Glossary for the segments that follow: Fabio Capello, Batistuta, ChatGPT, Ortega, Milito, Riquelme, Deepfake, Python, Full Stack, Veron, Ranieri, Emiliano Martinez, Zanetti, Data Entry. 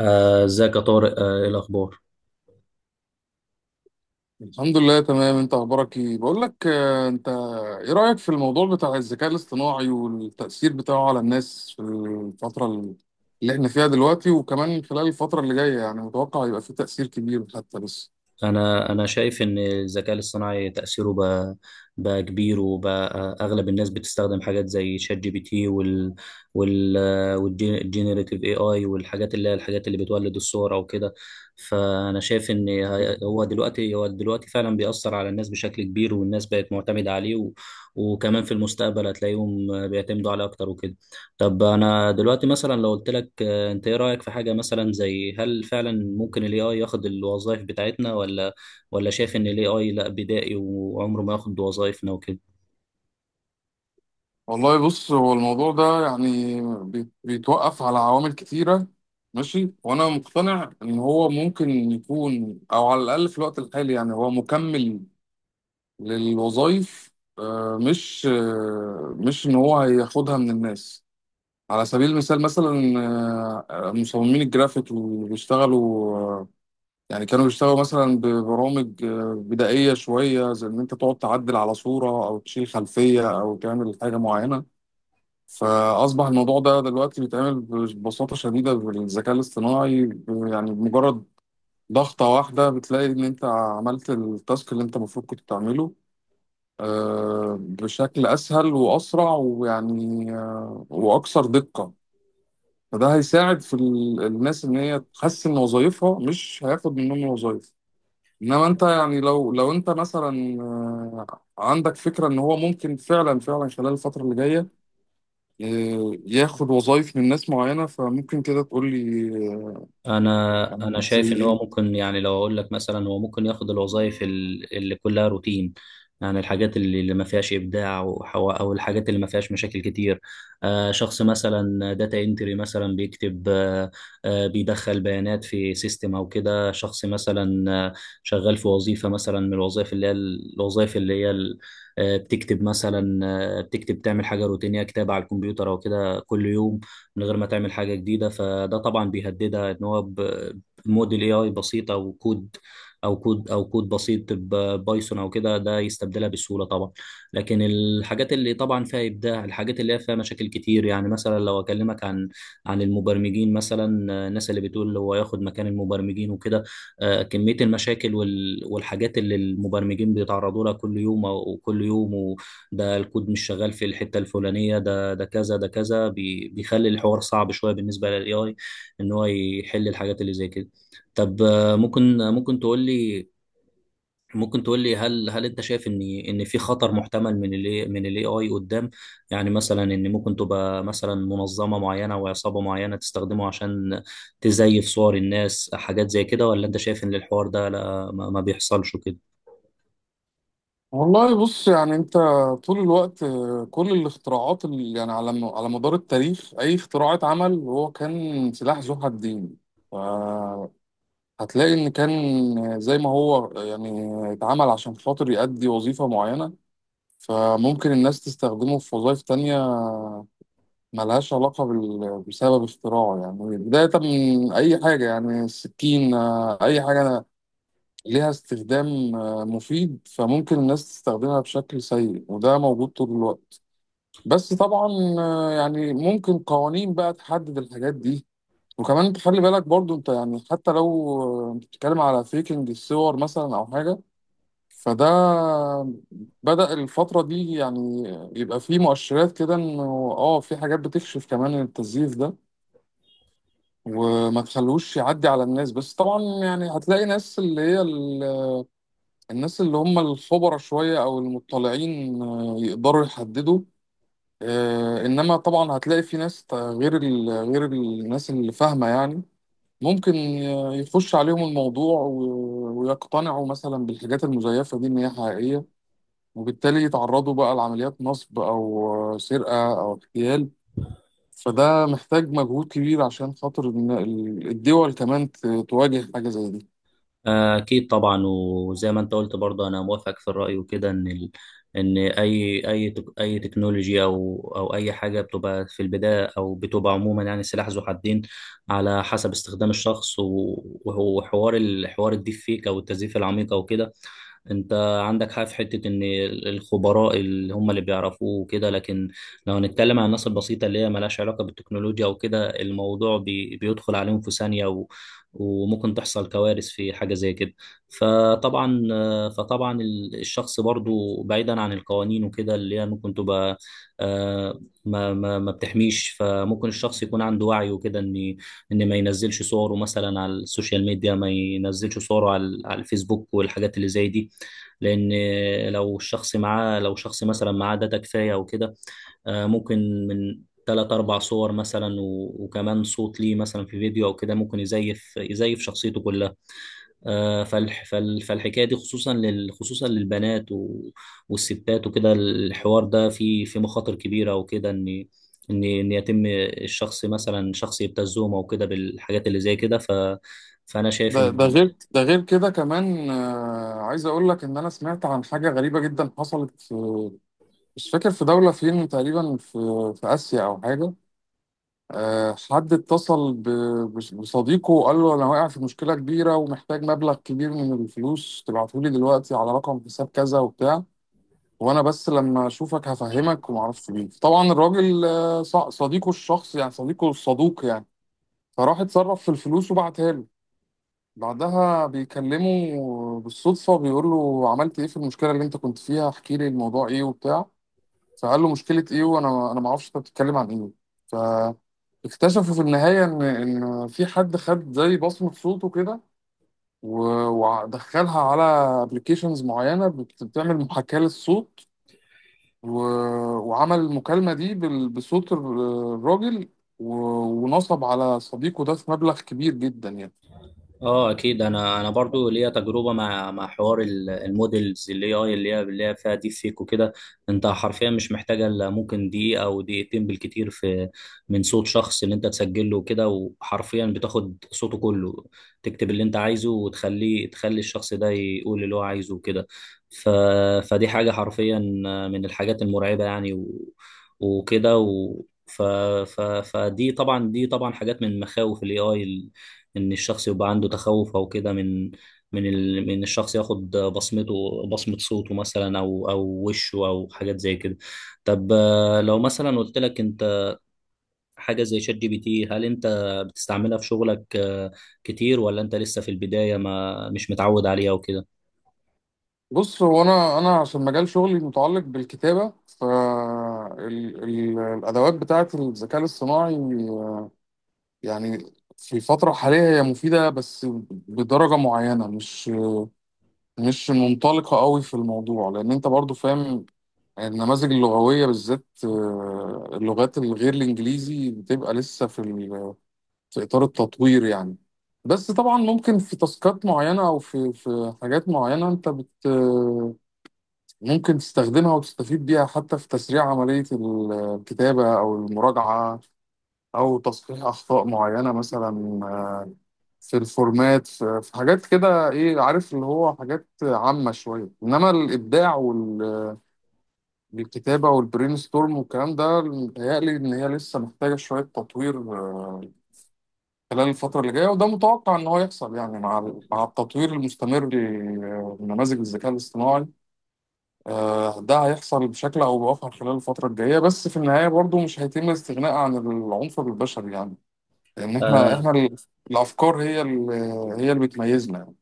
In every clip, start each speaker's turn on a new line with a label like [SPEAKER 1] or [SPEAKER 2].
[SPEAKER 1] آه، ازيك يا طارق؟ ايه الاخبار؟
[SPEAKER 2] الحمد لله تمام. انت اخبارك ايه؟ بقول لك انت ايه رأيك في الموضوع بتاع الذكاء الاصطناعي والتأثير بتاعه على الناس في الفترة اللي احنا فيها دلوقتي، وكمان خلال الفترة اللي جاية؟ يعني متوقع يبقى فيه تأثير كبير حتى. بس
[SPEAKER 1] انا شايف ان الذكاء الاصطناعي تاثيره بقى كبير وبقى اغلب الناس بتستخدم حاجات زي شات جي بي تي وال والجينيريتيف اي اي والحاجات اللي هي الحاجات اللي بتولد الصور او كده. فانا شايف ان هو دلوقتي هو دلوقتي فعلا بيأثر على الناس بشكل كبير، والناس بقت معتمده عليه، و وكمان في المستقبل هتلاقيهم بيعتمدوا عليه اكتر وكده. طب انا دلوقتي مثلا لو قلت لك، انت ايه رأيك في حاجة مثلا زي هل فعلا ممكن الاي اي ياخد الوظائف بتاعتنا، ولا شايف ان الاي اي لا بدائي وعمره ما ياخد وظائفنا وكده؟
[SPEAKER 2] والله بص، هو الموضوع ده يعني بيتوقف على عوامل كتيرة. ماشي، وانا مقتنع ان هو ممكن يكون، او على الاقل في الوقت الحالي، يعني هو مكمل للوظائف. مش ان هو هياخدها من الناس. على سبيل المثال، مثلا مصممين الجرافيك اللي بيشتغلوا، يعني كانوا بيشتغلوا مثلا ببرامج بدائية شوية، زي إن أنت تقعد تعدل على صورة أو تشيل خلفية أو تعمل حاجة معينة. فأصبح الموضوع ده دلوقتي بيتعمل ببساطة شديدة بالذكاء الاصطناعي يعني بمجرد ضغطة واحدة بتلاقي إن أنت عملت التاسك اللي أنت المفروض كنت تعمله بشكل أسهل وأسرع، ويعني وأكثر دقة. فده هيساعد في الناس ان هي تحسن وظائفها، مش هياخد منهم وظائف. انما انت يعني لو انت مثلا عندك فكره ان هو ممكن فعلا خلال الفتره اللي جايه ياخد وظائف من ناس معينه، فممكن كده تقول لي.
[SPEAKER 1] انا
[SPEAKER 2] يعني
[SPEAKER 1] انا
[SPEAKER 2] زي
[SPEAKER 1] شايف ان هو
[SPEAKER 2] ايه؟
[SPEAKER 1] ممكن، يعني لو اقول لك مثلا هو ممكن ياخد الوظائف اللي كلها روتين. يعني الحاجات اللي ما فيهاش ابداع او الحاجات اللي ما فيهاش مشاكل كتير. شخص مثلا داتا انتري مثلا بيكتب، بيدخل بيانات في سيستم او كده، شخص مثلا شغال في وظيفة مثلا من الوظائف اللي هي الوظائف اللي هي بتكتب مثلا، بتكتب تعمل حاجة روتينية كتابة على الكمبيوتر او كده كل يوم من غير ما تعمل حاجة جديدة، فده طبعا بيهددها ان هو بموديل اي اي بسيط او كود، او كود بسيط بايثون او كده، ده يستبدلها بسهولة طبعا. لكن الحاجات اللي طبعا فيها ابداع الحاجات اللي هي فيها مشاكل كتير، يعني مثلا لو اكلمك عن المبرمجين مثلا، الناس اللي بتقول هو ياخد مكان المبرمجين وكده، كمية المشاكل والحاجات اللي المبرمجين بيتعرضوا لها كل يوم او كل يوم، وده الكود مش شغال في الحتة الفلانية، ده ده كذا ده كذا، بيخلي الحوار صعب شويه بالنسبه للاي اي ان هو يحل الحاجات اللي زي كده. طب آه، ممكن تقول لي، ممكن تقول لي هل انت شايف ان في خطر محتمل من الاي اي قدام؟ يعني مثلا ان ممكن تبقى مثلا منظمه معينه او عصابه معينه تستخدمه عشان تزيف صور الناس حاجات زي كده، ولا انت شايف ان الحوار ده لا ما بيحصلش وكده؟
[SPEAKER 2] والله بص، يعني انت طول الوقت كل الاختراعات اللي يعني على على مدار التاريخ، اي اختراع اتعمل هو كان سلاح ذو حدين. ف- هتلاقي إن كان زي ما هو يعني اتعمل عشان خاطر يأدي وظيفة معينة، فممكن الناس تستخدمه في وظائف تانية ملهاش علاقة بسبب اختراعه. يعني بداية من أي حاجة، يعني السكين، أي حاجة ليها استخدام مفيد فممكن الناس تستخدمها بشكل سيء، وده موجود طول الوقت. بس طبعا يعني ممكن قوانين بقى تحدد الحاجات دي. وكمان انت خلي بالك برضو، انت يعني حتى لو انت بتتكلم على فيكنج الصور مثلا او حاجه، فده بدأ الفتره دي، يعني يبقى فيه مؤشرات كده انه اه في حاجات بتكشف كمان التزييف ده وما تخلوش يعدي على الناس. بس طبعا يعني هتلاقي ناس اللي هي الناس اللي هم الخبراء شويه او المطلعين يقدروا يحددوا. انما طبعا هتلاقي في ناس غير غير الناس اللي فاهمه، يعني ممكن يخش عليهم الموضوع ويقتنعوا مثلا بالحاجات المزيفة دي إن هي حقيقية، وبالتالي يتعرضوا بقى لعمليات نصب أو سرقة أو اغتيال. فده محتاج مجهود كبير عشان خاطر إن الدول كمان تواجه حاجة زي دي.
[SPEAKER 1] أكيد طبعا، وزي ما أنت قلت برضه أنا موافق في الرأي وكده، إن أي أي تكنولوجيا أو أي حاجة بتبقى في البداية أو بتبقى عموما يعني سلاح ذو حدين، على حسب استخدام الشخص. و- وهو حوار الحوار الديب فيك أو التزييف العميق أو كده، أنت عندك حق في حتة إن الخبراء اللي هم اللي بيعرفوه وكده، لكن لو هنتكلم عن الناس البسيطة اللي هي ملهاش علاقة بالتكنولوجيا وكده، الموضوع بيدخل عليهم في ثانية، وممكن تحصل كوارث في حاجة زي كده. فطبعا فطبعا الشخص برضو بعيدا عن القوانين وكده اللي هي ممكن تبقى آه، ما بتحميش، فممكن الشخص يكون عنده وعي وكده ان ما ينزلش صوره مثلا على السوشيال ميديا، ما ينزلش صوره على الفيسبوك والحاجات اللي زي دي. لان لو شخص مثلا معاه داتا كفايه وكده، ممكن من تلات أربع صور مثلا وكمان صوت ليه مثلا في فيديو أو كده، ممكن يزيف شخصيته كلها. فالحكاية دي خصوصا خصوصا للبنات و- والستات وكده، الحوار ده فيه في مخاطر كبيرة وكده، إن إن إن يتم الشخص مثلا شخص يبتزهم أو كده بالحاجات اللي زي كده. فأنا شايف
[SPEAKER 2] ده ده
[SPEAKER 1] إن
[SPEAKER 2] غير ده غير كده كمان، عايز أقول لك إن أنا سمعت عن حاجة غريبة جدا حصلت في، مش فاكر في دولة فين، تقريبا في آسيا أو حاجة. حد اتصل بصديقه وقال له انا واقع في مشكله كبيره ومحتاج مبلغ كبير من الفلوس، تبعته لي دلوقتي على رقم حساب كذا وبتاع، وانا بس لما اشوفك هفهمك وما اعرفش مين. طبعا الراجل صديقه الشخص، يعني صديقه الصدوق يعني، فراح اتصرف في الفلوس وبعتها له. بعدها بيكلمه بالصدفه، بيقول له عملت ايه في المشكله اللي انت كنت فيها؟ احكي لي الموضوع ايه وبتاع. فقال له مشكلة ايه؟ وانا ما اعرفش انت بتتكلم عن ايه. فاكتشفوا في النهاية ان في حد خد زي بصمة صوته كده ودخلها على ابلكيشنز معينة بتعمل محاكاة للصوت، وعمل المكالمة دي بصوت الراجل و- ونصب على صديقه ده في مبلغ كبير جدا يعني.
[SPEAKER 1] اه اكيد، انا برضو ليا تجربه مع مع المودلز اللي هي فيها ديب فيك وكده. انت حرفيا مش محتاجه الا ممكن دقيقه او دقيقتين بالكتير في من صوت شخص اللي انت تسجله وكده، وحرفيا بتاخد صوته كله، تكتب اللي انت عايزه تخلي الشخص ده يقول اللي هو عايزه وكده. ف فدي حاجه حرفيا من الحاجات المرعبه يعني، و... وكده و... ف... ف... فدي طبعا دي طبعا حاجات من مخاوف الاي اي، ان الشخص يبقى عنده تخوف او كده من الشخص ياخد بصمته، بصمة صوته مثلا او وشه او حاجات زي كده. طب آه، لو مثلا قلت لك انت، حاجة زي شات جي بي تي هل انت بتستعملها في شغلك كتير، ولا انت لسه في البداية ما مش متعود عليها وكده؟
[SPEAKER 2] بص، هو انا عشان مجال شغلي متعلق بالكتابة، فالادوات بتاعت الذكاء الاصطناعي يعني في الفترة الحالية هي مفيدة بس بدرجة معينة، مش منطلقة قوي في الموضوع، لأن أنت برضو فاهم النماذج اللغوية بالذات اللغات الغير الإنجليزي بتبقى لسه في في إطار التطوير يعني. بس طبعا ممكن في تاسكات معينة أو في حاجات معينة أنت بت، ممكن تستخدمها وتستفيد بيها حتى في تسريع عملية الكتابة أو المراجعة أو تصحيح أخطاء معينة مثلا، في الفورمات، في حاجات كده، ايه عارف، اللي هو حاجات عامة شوية. انما الابداع والكتابة والبرين ستورم والكلام ده، متهيألي ان هي لسه محتاجة شوية تطوير خلال الفترة اللي جاية، وده متوقع ان هو يحصل يعني مع مع التطوير المستمر لنماذج الذكاء الاصطناعي. ده هيحصل بشكل او باخر خلال الفترة الجاية، بس في النهاية برضو مش هيتم الاستغناء عن العنصر البشري، يعني ان احنا،
[SPEAKER 1] آه،
[SPEAKER 2] الافكار هي هي اللي بتميزنا يعني.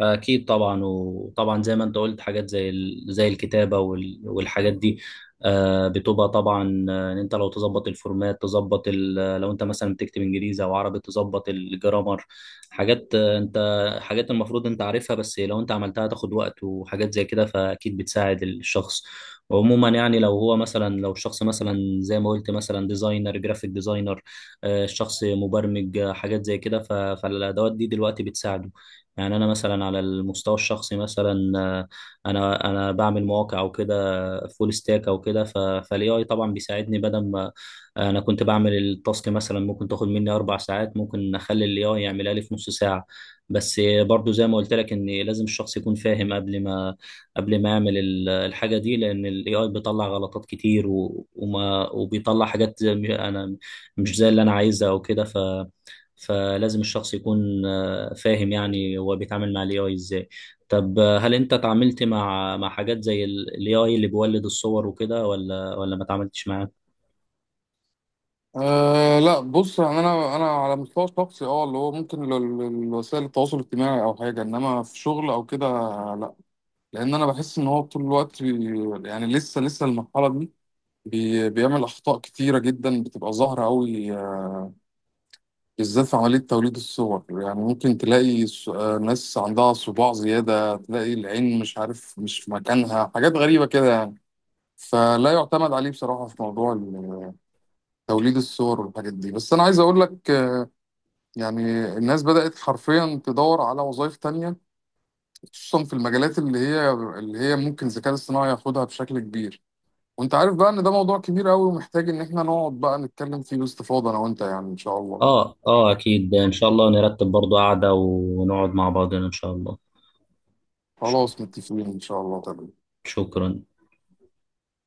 [SPEAKER 1] أكيد طبعا، وطبعا زي ما أنت قلت حاجات زي الكتابة والحاجات دي بتبقى طبعا آه، إن أنت لو تظبط الفورمات تظبط لو أنت مثلا بتكتب إنجليزي أو عربي تظبط الجرامر، حاجات آه، أنت حاجات المفروض أنت عارفها، بس لو أنت عملتها تاخد وقت وحاجات زي كده، فأكيد بتساعد الشخص. وعموما يعني لو هو مثلا لو الشخص مثلا زي ما قلت مثلا ديزاينر جرافيك ديزاينر، الشخص مبرمج حاجات زي كده، فالأدوات دي دلوقتي بتساعده. يعني انا مثلا على المستوى الشخصي مثلا آه، انا بعمل مواقع او كده فول ستاك او كده، فالاي اي طبعا بيساعدني بدل ما انا كنت بعمل التاسك مثلا ممكن تاخد مني اربع ساعات، ممكن اخلي الاي اي يعملها لي في نص ساعه. بس برضو زي ما قلت لك ان لازم الشخص يكون فاهم قبل ما يعمل الحاجه دي، لان الاي اي بيطلع غلطات كتير و- وما وبيطلع حاجات زي- انا مش زي اللي انا عايزها او كده. ف فلازم الشخص يكون فاهم يعني هو بيتعامل مع الاي اي ازاي. طب آه، هل انت تعاملت مع حاجات زي الاي اي اللي بيولد الصور وكده، ولا ما تعاملتش معاه؟
[SPEAKER 2] أه لا بص، يعني انا على مستوى شخصي اه اللي هو ممكن وسائل التواصل الاجتماعي او حاجه، انما في شغل او كده لا. لان انا بحس ان هو طول الوقت يعني لسه المرحله دي بيعمل أخطاء كتيرة جدا بتبقى ظاهرة أوي بالذات في عملية توليد الصور. يعني ممكن تلاقي ناس عندها صباع زيادة، تلاقي العين مش عارف مش في مكانها، حاجات غريبة كده يعني. فلا يعتمد عليه بصراحة في موضوع توليد الصور والحاجات دي. بس أنا عايز أقول لك يعني الناس بدأت حرفيا تدور على وظائف تانية، خصوصا في المجالات اللي هي ممكن الذكاء الاصطناعي ياخدها بشكل كبير. وانت عارف بقى ان ده موضوع كبير قوي ومحتاج ان احنا نقعد بقى نتكلم فيه باستفاضة انا وانت، يعني ان شاء الله.
[SPEAKER 1] اه اكيد ان شاء الله نرتب برضو قعدة ونقعد مع بعضنا ان شاء الله. شك-
[SPEAKER 2] خلاص متفقين، ان شاء الله. تمام.
[SPEAKER 1] شكرا.